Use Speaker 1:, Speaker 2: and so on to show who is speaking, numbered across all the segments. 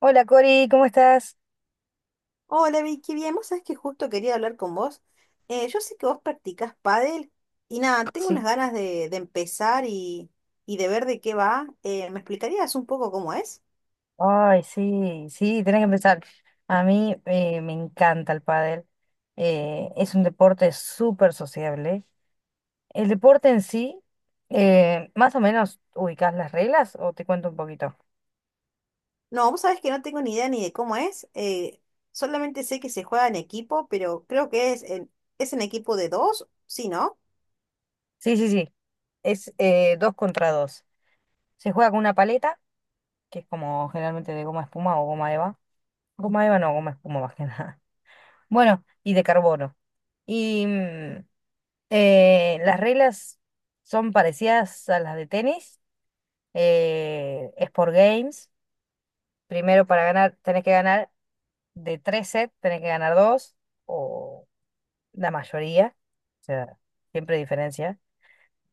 Speaker 1: Hola Cori, ¿cómo estás?
Speaker 2: Hola Vicky, bien, vos sabés que justo quería hablar con vos. Yo sé que vos practicás pádel y nada, tengo
Speaker 1: Sí,
Speaker 2: unas ganas de empezar y de ver de qué va. ¿Me explicarías un poco cómo es?
Speaker 1: ay, sí, sí, tenés que empezar. A mí me encanta el pádel. Es un deporte súper sociable. El deporte en sí, más o menos, ¿ubicás las reglas o te cuento un poquito?
Speaker 2: No, vos sabés que no tengo ni idea ni de cómo es. Solamente sé que se juega en equipo, pero creo que es en equipo de dos, ¿sí, no?
Speaker 1: Sí, sí, sí. Es dos contra dos. Se juega con una paleta, que es como generalmente de goma espuma o goma eva. Goma eva no, goma espuma más que nada. Bueno, y de carbono. Y mm, las reglas son parecidas a las de tenis. Es por games. Primero para ganar tenés que ganar de tres sets, tenés que ganar dos o la mayoría. O sea, siempre hay diferencia.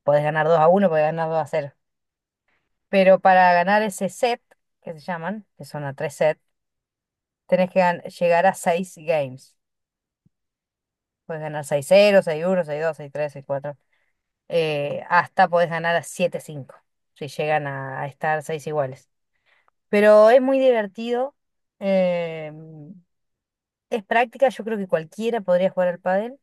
Speaker 1: Podés ganar dos a uno, podés ganar dos a cero. Pero para ganar ese set, que se llaman, que son a tres sets, llegar a seis games. Podés ganar seis cero, seis uno, seis dos, seis tres, seis cuatro. Hasta podés ganar a siete cinco, si llegan a estar seis iguales. Pero es muy divertido. eh, es práctica, yo creo que cualquiera podría jugar al pádel,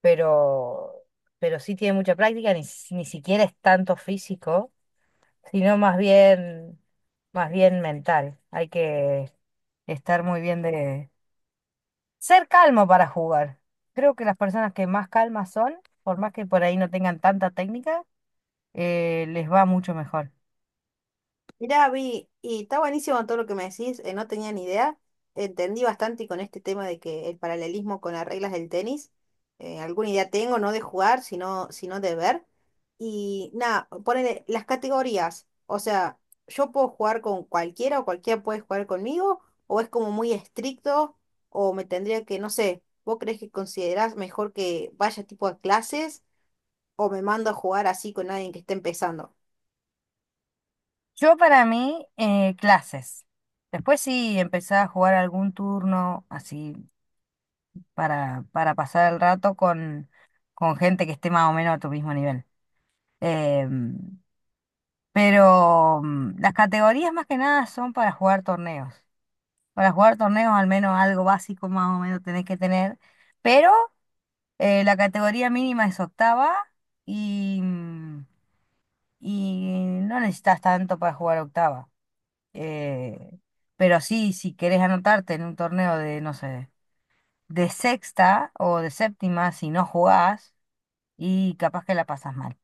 Speaker 1: pero, pero sí tiene mucha práctica, ni siquiera es tanto físico, sino más más bien mental. Hay que estar muy bien de... Ser calmo para jugar. Creo que las personas que más calmas son, por más que por ahí no tengan tanta técnica, les va mucho mejor.
Speaker 2: Mirá, Vi, y está buenísimo todo lo que me decís, no tenía ni idea. Entendí bastante con este tema de que el paralelismo con las reglas del tenis, alguna idea tengo, no de jugar, sino de ver. Y nada, ponele las categorías. O sea, ¿yo puedo jugar con cualquiera o cualquiera puede jugar conmigo? ¿O es como muy estricto? ¿O me tendría que, no sé, vos crees que considerás mejor que vaya tipo a clases o me mando a jugar así con alguien que esté empezando?
Speaker 1: Yo para mí, clases. Después sí empezaba a jugar algún turno así para pasar el rato con gente que esté más o menos a tu mismo nivel. Em, las categorías más que nada son para jugar torneos. Para jugar torneos al menos algo básico más o menos tenés que tener. Pero la categoría mínima es octava y, mm, y no necesitas tanto para jugar octava. Eh, pero sí, si querés anotarte en un torneo de, no sé, de sexta o de séptima, si no jugás, y capaz que la pasas mal.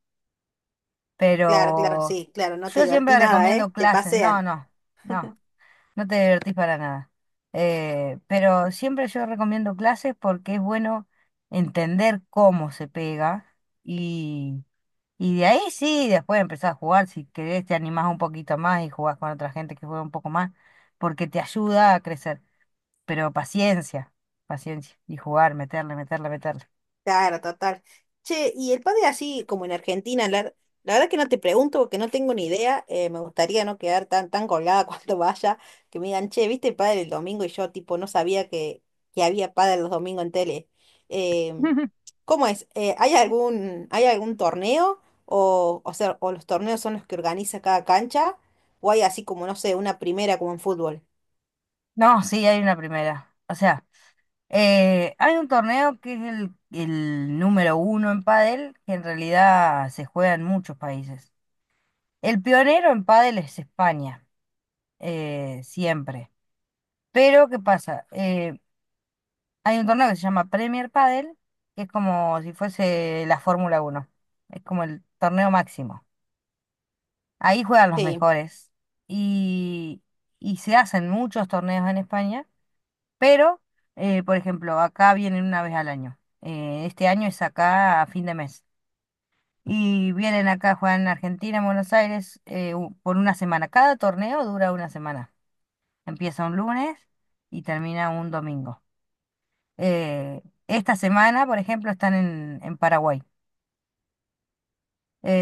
Speaker 2: Claro, claro,
Speaker 1: Pero
Speaker 2: sí, claro, no te
Speaker 1: yo
Speaker 2: divertí
Speaker 1: siempre
Speaker 2: nada, ¿eh?
Speaker 1: recomiendo
Speaker 2: Te
Speaker 1: clases. No,
Speaker 2: pasean.
Speaker 1: no, no, no te divertís para nada. Pero siempre yo recomiendo clases porque es bueno entender cómo se pega y de ahí sí, después empezás a jugar, si querés te animás un poquito más y jugás con otra gente que juega un poco más, porque te ayuda a crecer. Pero paciencia, paciencia, y jugar, meterle, meterle, meterle.
Speaker 2: Claro, total. Che, y el padre así como en Argentina, la verdad que no te pregunto porque no tengo ni idea, me gustaría no quedar tan, tan colgada cuando vaya, que me digan, che, ¿viste el padre el domingo? Y yo tipo no sabía que había padre los domingos en tele. Em, ¿Cómo es? ¿ Hay algún torneo? O sea, o los torneos son los que organiza cada cancha, o hay así como, no sé, una primera como en fútbol.
Speaker 1: No, sí, hay una primera. O sea, hay un torneo que es el número uno en pádel, que en realidad se juega en muchos países. El pionero en pádel es España, siempre. Pero, ¿qué pasa? Hay un torneo que se llama Premier Padel, que es como si fuese la Fórmula Uno. Es como el torneo máximo. Ahí juegan los
Speaker 2: Sí.
Speaker 1: mejores. Y, y se hacen muchos torneos en España, pero, por ejemplo, acá vienen una vez al año. Este año es acá a fin de mes. Y vienen acá, juegan en Argentina, en Buenos Aires, por una semana. Cada torneo dura una semana. Empieza un lunes y termina un domingo. Eh, Esta semana, por ejemplo, están en Paraguay.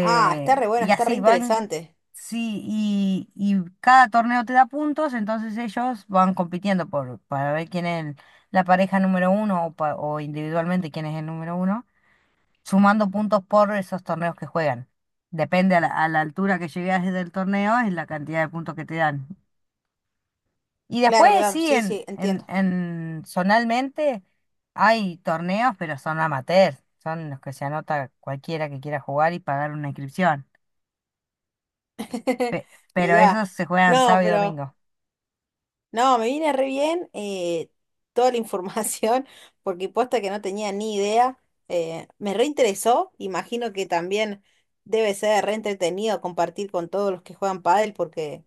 Speaker 2: Ah, está re bueno,
Speaker 1: Y
Speaker 2: está re
Speaker 1: así van,
Speaker 2: interesante.
Speaker 1: sí, y cada torneo te da puntos, entonces ellos van compitiendo para ver quién es la pareja número uno o individualmente quién es el número uno, sumando puntos por esos torneos que juegan. Depende a a la altura que llegues del torneo, es la cantidad de puntos que te dan. Y
Speaker 2: Claro,
Speaker 1: después
Speaker 2: claro,
Speaker 1: sí,
Speaker 2: sí, sí, entiendo.
Speaker 1: en zonalmente hay torneos, pero son amateurs, son los que se anota cualquiera que quiera jugar y pagar una inscripción. Pero
Speaker 2: Mirá,
Speaker 1: esos se juegan
Speaker 2: no,
Speaker 1: sábado y
Speaker 2: pero
Speaker 1: domingo.
Speaker 2: no, me viene re bien toda la información, porque posta que no tenía ni idea. Me reinteresó, imagino que también debe ser re entretenido compartir con todos los que juegan pádel, porque...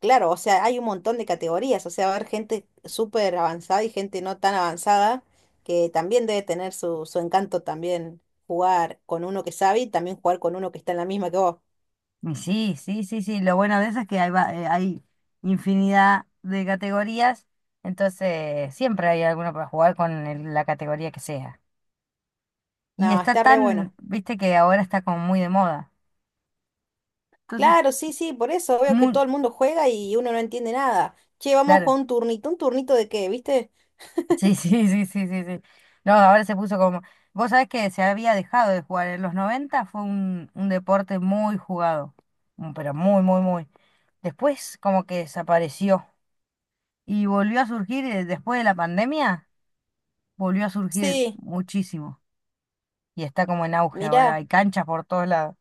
Speaker 2: Claro, o sea, hay un montón de categorías, o sea, va a haber gente súper avanzada y gente no tan avanzada, que también debe tener su encanto también jugar con uno que sabe y también jugar con uno que está en la misma que vos.
Speaker 1: Y sí, sí, sí, sí, lo bueno de eso es que hay infinidad de categorías, entonces siempre hay alguno para jugar con la categoría que sea. Y
Speaker 2: No,
Speaker 1: está
Speaker 2: está re
Speaker 1: tan,
Speaker 2: bueno.
Speaker 1: viste que ahora está como muy de moda. Entonces,
Speaker 2: Claro, sí, sí, por eso veo que
Speaker 1: muy,
Speaker 2: todo el mundo juega y uno no entiende nada. Che, vamos a
Speaker 1: claro.
Speaker 2: jugar un turnito de qué, ¿viste?
Speaker 1: Sí, sí, sí, sí, sí, sí. No, ahora se puso como... Vos sabés que se había dejado de jugar. ¿En los 90? Fue un deporte muy jugado, pero muy, muy, muy. Después como que desapareció y volvió a surgir después de la pandemia, volvió a surgir
Speaker 2: Sí,
Speaker 1: muchísimo y está como en auge ahora.
Speaker 2: mirá.
Speaker 1: Hay canchas por todos lados.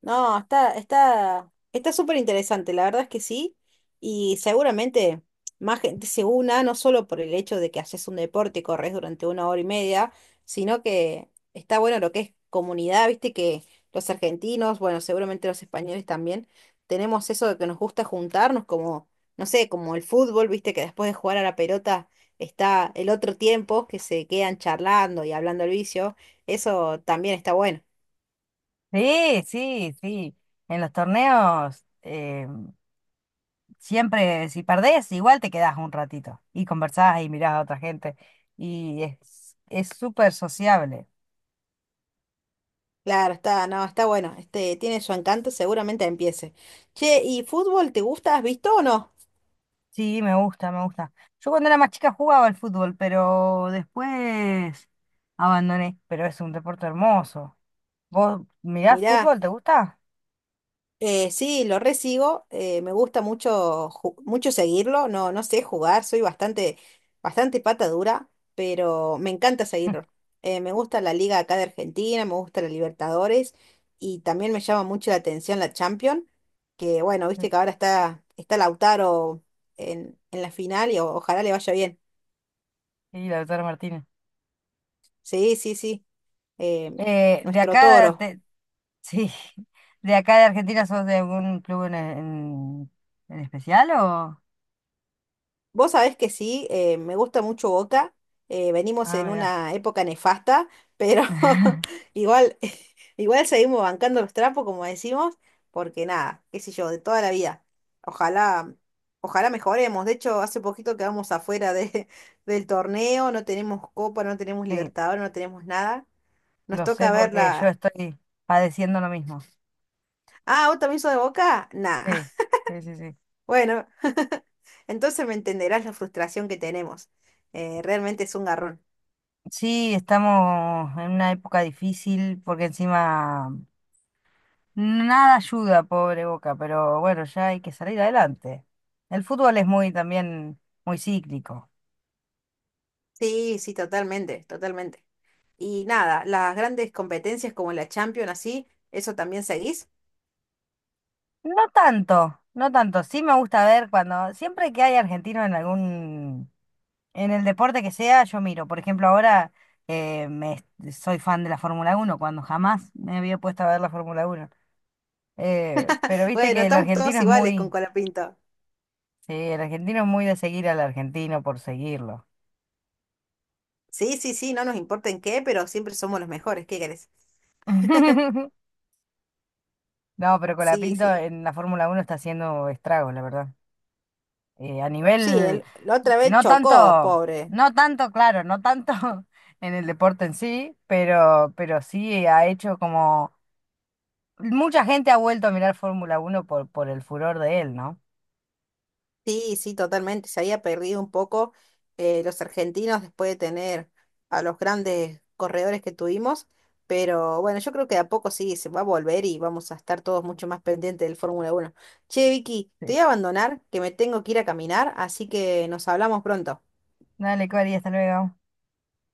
Speaker 2: No, está súper interesante, la verdad es que sí. Y seguramente más gente se una, no solo por el hecho de que haces un deporte y corres durante una hora y media, sino que está bueno lo que es comunidad, viste que los argentinos, bueno, seguramente los españoles también, tenemos eso de que nos gusta juntarnos, como, no sé, como el fútbol, viste que después de jugar a la pelota está el otro tiempo que se quedan charlando y hablando al vicio. Eso también está bueno.
Speaker 1: Sí, sí, sí. En los torneos siempre, si perdés, igual te quedás un ratito y conversás y mirás a otra gente. Y es súper sociable.
Speaker 2: Claro, está, no, está bueno. Este, tiene su encanto, seguramente empiece. Che, ¿y fútbol te gusta? ¿Has visto o no?
Speaker 1: Sí, me gusta, me gusta. Yo cuando era más chica jugaba al fútbol, pero después abandoné. Pero es un deporte hermoso. ¿Vos mirás
Speaker 2: Mirá,
Speaker 1: fútbol? ¿Te gusta?
Speaker 2: sí, lo resigo. Me gusta mucho, mucho seguirlo. No, no sé jugar, soy bastante pata dura, pero me encanta seguirlo. Me gusta la liga acá de Argentina, me gusta la Libertadores y también me llama mucho la atención la Champions, que bueno, viste
Speaker 1: Sí,
Speaker 2: que ahora está Lautaro en la final y ojalá le vaya bien.
Speaker 1: sí, la doctora Martínez.
Speaker 2: Sí, sí, sí. eh,
Speaker 1: Eh, de
Speaker 2: Nuestro
Speaker 1: acá,
Speaker 2: toro.
Speaker 1: te- sí, de acá de Argentina, ¿sos de algún club en especial o...?
Speaker 2: Vos sabés que sí, me gusta mucho Boca, venimos
Speaker 1: Ah,
Speaker 2: en
Speaker 1: mira.
Speaker 2: una época nefasta, pero igual, igual seguimos bancando los trapos, como decimos, porque nada, qué sé yo, de toda la vida. Ojalá, ojalá mejoremos. De hecho, hace poquito quedamos afuera de, del torneo, no tenemos Copa, no tenemos Libertadores, no tenemos nada. Nos
Speaker 1: Lo sé
Speaker 2: toca ver
Speaker 1: porque yo
Speaker 2: la.
Speaker 1: estoy padeciendo lo mismo.
Speaker 2: Ah, ¿vos también sos de Boca? Nah.
Speaker 1: Sí, sí, sí, sí.
Speaker 2: Bueno, entonces me entenderás la frustración que tenemos. Realmente es un garrón.
Speaker 1: Sí, estamos en una época difícil porque encima nada ayuda, pobre Boca, pero bueno, ya hay que salir adelante. El fútbol es muy también muy cíclico.
Speaker 2: Sí, sí, totalmente, totalmente. Y nada, las grandes competencias como la Champions, así, ¿eso también seguís?
Speaker 1: No tanto, no tanto. Sí me gusta ver cuando, siempre que hay argentinos en algún, en el deporte que sea, yo miro. Por ejemplo, ahora eh, me, soy fan de la Fórmula Uno cuando jamás me había puesto a ver la Fórmula Uno. Pero viste
Speaker 2: Bueno,
Speaker 1: que el
Speaker 2: estamos
Speaker 1: argentino
Speaker 2: todos
Speaker 1: es
Speaker 2: iguales con
Speaker 1: muy,
Speaker 2: Colapinto.
Speaker 1: sí, el argentino es muy de seguir al argentino por seguirlo.
Speaker 2: Sí, sí, sí, no nos importa en qué, pero siempre somos los mejores, ¿qué querés?
Speaker 1: No, pero
Speaker 2: Sí,
Speaker 1: Colapinto
Speaker 2: sí.
Speaker 1: en la Fórmula uno está haciendo estragos, la verdad. Eh, a
Speaker 2: Sí,
Speaker 1: nivel,
Speaker 2: él, la otra vez
Speaker 1: no
Speaker 2: chocó,
Speaker 1: tanto,
Speaker 2: pobre.
Speaker 1: no tanto, claro, no tanto en el deporte en sí, pero sí ha hecho como, mucha gente ha vuelto a mirar Fórmula uno por el furor de él, ¿no?
Speaker 2: Sí, sí, totalmente. Se había perdido un poco los argentinos después de tener a los grandes corredores que tuvimos, pero bueno, yo creo que de a poco sí se va a volver y vamos a estar todos mucho más pendientes del Fórmula Uno. Che, Vicky, te
Speaker 1: Sí.
Speaker 2: voy a abandonar, que me tengo que ir a caminar, así que nos hablamos pronto.
Speaker 1: Dale, Cori, hasta luego.